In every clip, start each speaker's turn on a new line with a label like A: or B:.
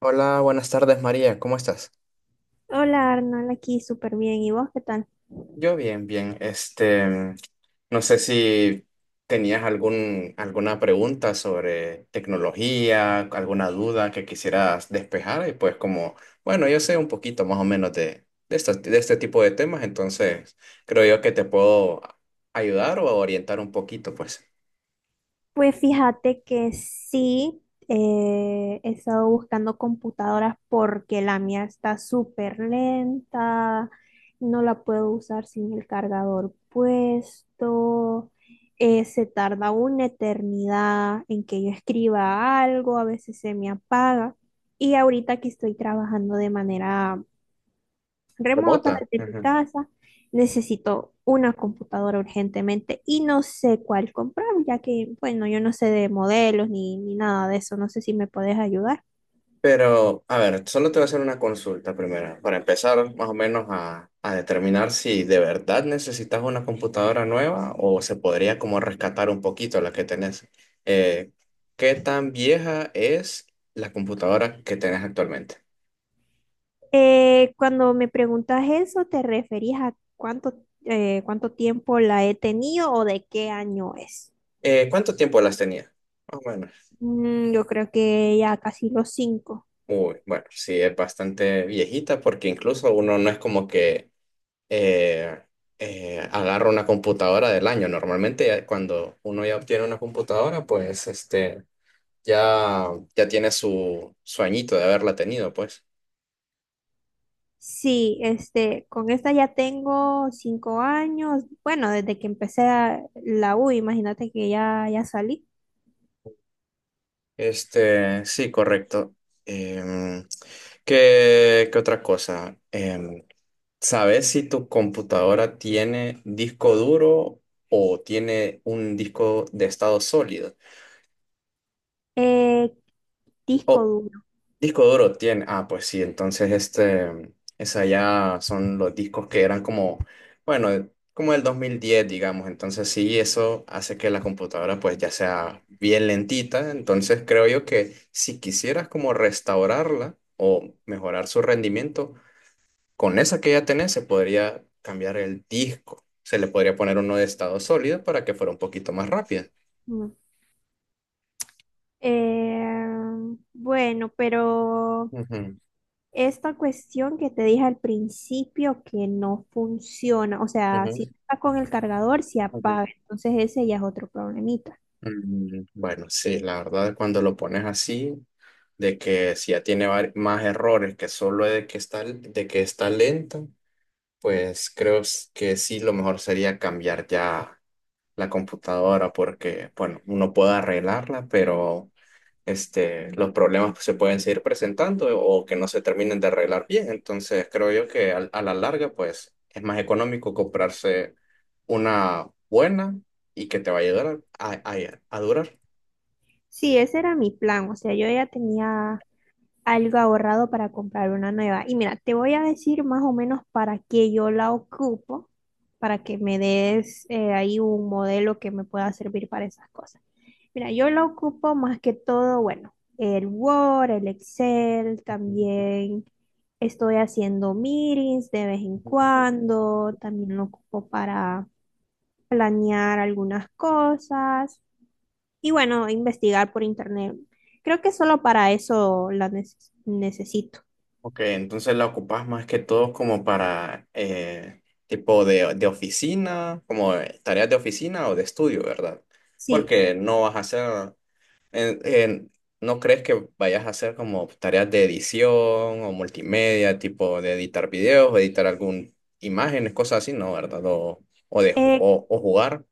A: Hola, buenas tardes María, ¿cómo estás?
B: Hola Arnold, aquí súper bien. ¿Y vos qué tal?
A: Yo bien, bien. No sé si tenías alguna pregunta sobre tecnología, alguna duda que quisieras despejar y pues como, bueno, yo sé un poquito más o menos de este tipo de temas, entonces creo yo que te puedo ayudar o orientar un poquito, pues.
B: Pues fíjate que sí, he estado buscando computadoras porque la mía está súper lenta, no la puedo usar sin el cargador puesto, se tarda una eternidad en que yo escriba algo, a veces se me apaga y ahorita que estoy trabajando de manera remota
A: Remota.
B: desde mi casa. Necesito una computadora urgentemente y no sé cuál comprar, ya que, bueno, yo no sé de modelos ni nada de eso. No sé si me puedes ayudar.
A: Pero, a ver, solo te voy a hacer una consulta primero, para empezar más o menos a determinar si de verdad necesitas una computadora nueva o se podría como rescatar un poquito la que tenés. Eh, ¿Qué tan vieja es la computadora que tenés actualmente?
B: Cuando me preguntas eso, ¿te referías a cuánto, cuánto tiempo la he tenido o de qué año es?
A: ¿Cuánto tiempo las tenías? Más o menos.
B: Mm, yo creo que ya casi los cinco.
A: Uy, bueno, sí, es bastante viejita porque incluso uno no es como que eh, agarro una computadora del año. Normalmente ya cuando uno ya obtiene una computadora, pues ya, ya tiene su añito de haberla tenido, pues.
B: Sí, este, con esta ya tengo 5 años, bueno, desde que la U, imagínate que ya, ya salí.
A: Este, sí, correcto. Em, ¿qué otra cosa? ¿Sabes si tu computadora tiene disco duro o tiene un disco de estado sólido?
B: Eh, disco duro.
A: Disco duro tiene. Ah, pues sí, entonces esa ya son los discos que eran como, bueno, como del diez digamos. Entonces sí, eso hace que la computadora pues ya sea bien lentita. Entonces creo yo que si quisieras como restaurarla o mejorar su rendimiento, con esa que ya tenés se podría cambiar el disco. Se le podría poner uno de estado sólido para que fuera un poquito más rápida.
B: mm. Eh, bueno, pero
A: Ujú,
B: esta cuestión que te dije al principio que no funciona, o sea,
A: ujú,
B: si está con el cargador, se
A: ujú.
B: apaga, entonces ese ya es otro problemita.
A: Mm, bueno, sí, la verdad, cuando lo pones así, de que si ya tiene más errores que solo de que está lenta, pues creo que sí, lo mejor sería cambiar ya la computadora porque, bueno, uno puede arreglarla, pero los problemas se pueden seguir presentando o que no se terminen de arreglar bien. Entonces, creo yo que a la larga, pues es más económico comprarse una buena y que te va a ayudar a durar.
B: Sí, ese era mi plan, o sea, yo ya tenía algo ahorrado para comprar una nueva. Y mira, te voy a decir más o menos para qué yo la ocupo, para que me des ahí un modelo que me pueda servir para esas cosas. Mira, yo la ocupo más que todo, bueno, el Word, el Excel, también estoy haciendo meetings de vez en cuando, también lo ocupo para planear algunas cosas y bueno, investigar por internet. Creo que solo para eso la necesito.
A: Ok, entonces la ocupas más que todo como para tipo de oficina, como tareas de oficina o de estudio, ¿verdad?
B: Sí,
A: Porque no vas a hacer, en- en- no crees que vayas a hacer como tareas de edición o multimedia, tipo de editar videos o editar algún imágenes, cosas así, ¿no? ¿Verdad? O,
B: eh,
A: o jugar.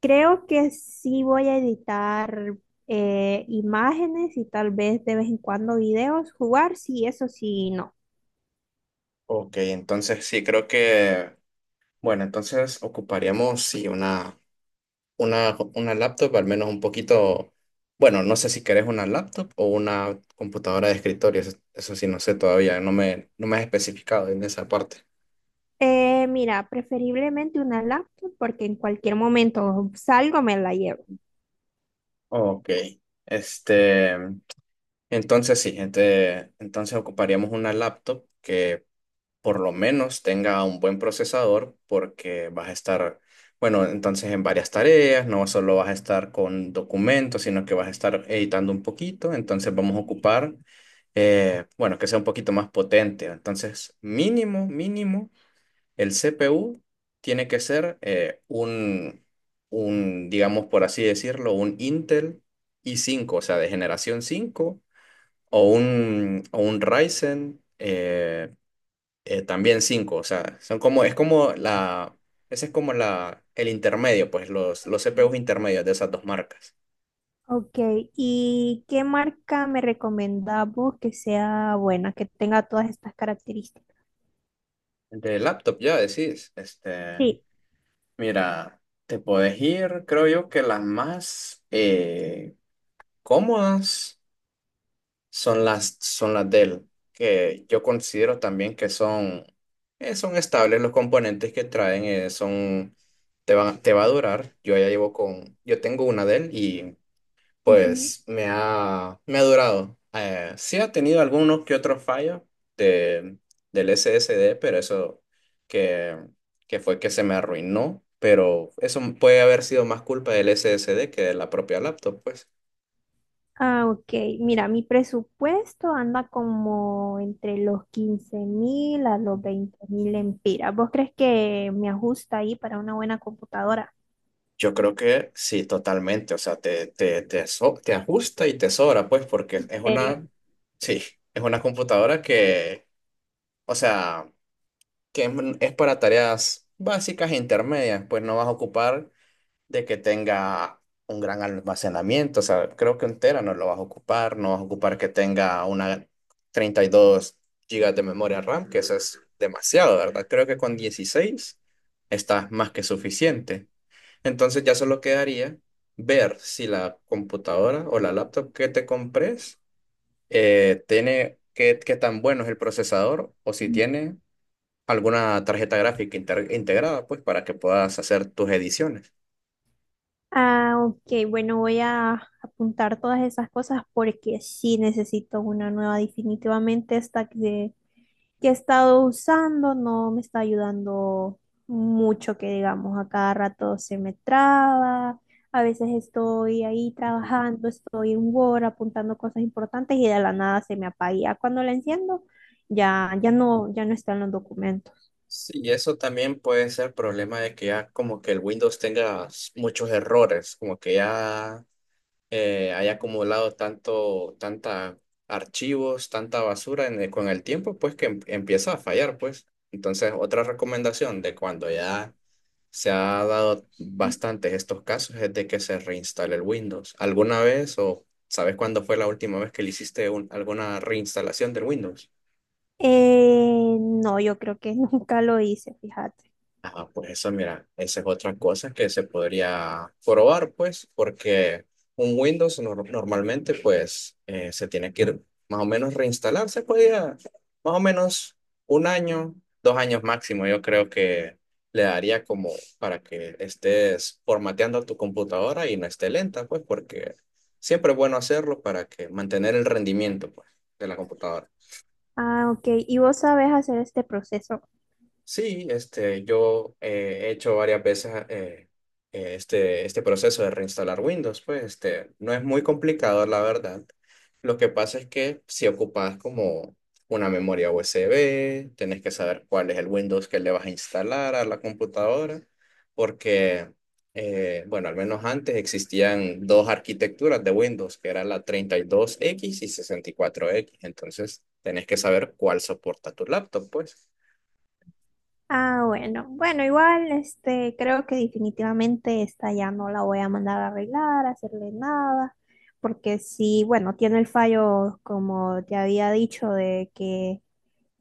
B: creo que sí voy a editar imágenes y tal vez de vez en cuando videos, jugar, sí, eso sí, no.
A: Ok, entonces sí creo que, bueno, entonces ocuparíamos sí una laptop, al menos un poquito, bueno, no sé si querés una laptop o una computadora de escritorio, eso sí no sé todavía, no me has especificado en esa parte.
B: Mira, preferiblemente una laptop porque en cualquier momento salgo, me la llevo.
A: Ok, este, entonces sí, entonces ocuparíamos una laptop que por lo menos tenga un buen procesador porque vas a estar, bueno, entonces en varias tareas, no solo vas a estar con documentos, sino que vas a estar editando un poquito, entonces vamos a ocupar, bueno, que sea un poquito más potente. Entonces, mínimo, mínimo, el CPU tiene que ser digamos por así decirlo, un Intel i5, o sea, de generación 5 o un Ryzen. También cinco, o sea, ese es como la, el intermedio, pues los CPUs intermedios de esas dos marcas.
B: Ok, ¿y qué marca me recomendás vos que sea buena, que tenga todas estas características?
A: El de laptop ya decís,
B: Sí.
A: mira, te podés ir, creo yo que las más cómodas son son las Dell, que yo considero también que son, son estables los componentes que traen, te va a durar, yo ya llevo con, yo tengo una Dell y pues me ha durado. Sí ha tenido algunos que otros fallos de, del SSD, pero eso que, que fue que se me arruinó. Pero eso puede haber sido más culpa del SSD que de la propia laptop, pues.
B: Ah, ok. Mira, mi presupuesto anda como entre los 15.000 a los 20.000 lempiras. ¿Vos crees que me ajusta ahí para una buena computadora?
A: Yo creo que sí, totalmente. O sea, te ajusta y te sobra, pues, porque
B: ¿En serio?
A: sí, es una computadora o sea, que es para tareas básicas e intermedias, pues no vas a ocupar de que tenga un gran almacenamiento. O sea, creo que un tera no lo vas a ocupar, no vas a ocupar que tenga una 32 gigas de memoria RAM, que eso es demasiado, ¿verdad? Creo que con 16 está más que suficiente. Entonces ya solo quedaría ver si la computadora o la laptop que te compres tiene qué tan bueno es el procesador o si
B: Ujú.
A: tiene alguna tarjeta gráfica integrada, pues para que puedas hacer tus ediciones.
B: Ah, ok. Bueno, voy a apuntar todas esas cosas porque sí necesito una nueva. Definitivamente esta que he estado usando no me está ayudando mucho, que digamos, a cada rato se me traba. A veces estoy ahí trabajando, estoy en Word apuntando cosas importantes y de la nada se me apaga. Y ya cuando la enciendo, ya no, ya no están los documentos.
A: Sí, y eso también puede ser problema de que ya como que el Windows tenga muchos errores, como que ya haya acumulado tanta archivos, tanta basura en con el tiempo, pues que empieza a fallar, pues. Entonces, otra recomendación de cuando ya se ha dado bastantes estos casos es de que se reinstale el Windows. ¿Alguna vez o sabes cuándo fue la última vez que le hiciste alguna reinstalación del Windows?
B: No, yo creo que nunca lo hice, fíjate.
A: Ah, pues eso, mira, esa es otra cosa que se podría probar, pues, porque un Windows normalmente, pues, se tiene que ir más o menos reinstalar, se podía más o menos un año, 2 años máximo, yo creo que le daría como para que estés formateando tu computadora y no esté lenta, pues, porque siempre es bueno hacerlo para que mantener el rendimiento, pues, de la computadora.
B: Ah, ok. ¿Y vos sabés hacer este proceso?
A: Sí, yo he hecho varias veces este proceso de reinstalar Windows, pues no es muy complicado, la verdad. Lo que pasa es que si ocupas como una memoria USB, tenés que saber cuál es el Windows que le vas a instalar a la computadora, porque, bueno, al menos antes existían dos arquitecturas de Windows, que era la 32x y 64x, entonces tenés que saber cuál soporta tu laptop, pues.
B: Ah, bueno. Bueno, igual, este, creo que definitivamente esta ya no la voy a mandar a arreglar, a hacerle nada, porque sí, bueno, tiene el fallo, como te había dicho, de que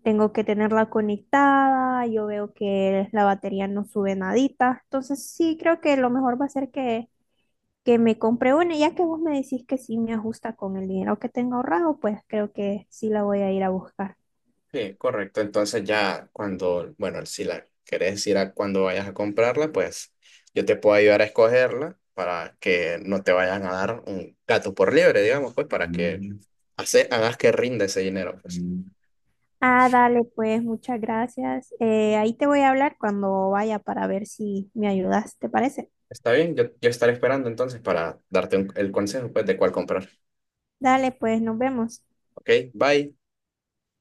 B: tengo que tenerla conectada, yo veo que la batería no sube nadita. Entonces sí, creo que lo mejor va a ser que me compre una. Ya que vos me decís que sí me ajusta con el dinero que tengo ahorrado, pues creo que sí la voy a ir a buscar.
A: Sí, correcto. Entonces ya cuando, bueno, si la querés decir a cuando vayas a comprarla, pues yo te puedo ayudar a escogerla para que no te vayan a dar un gato por liebre, digamos, pues para que mm. Hagas que rinda ese dinero, pues. Mm.
B: Ah, dale, pues muchas gracias. Ahí te voy a hablar cuando vaya para ver si me ayudas, ¿te parece?
A: Está bien, yo estaré esperando entonces para darte el consejo, pues, de cuál comprar.
B: Dale, pues nos vemos.
A: Ok, bye.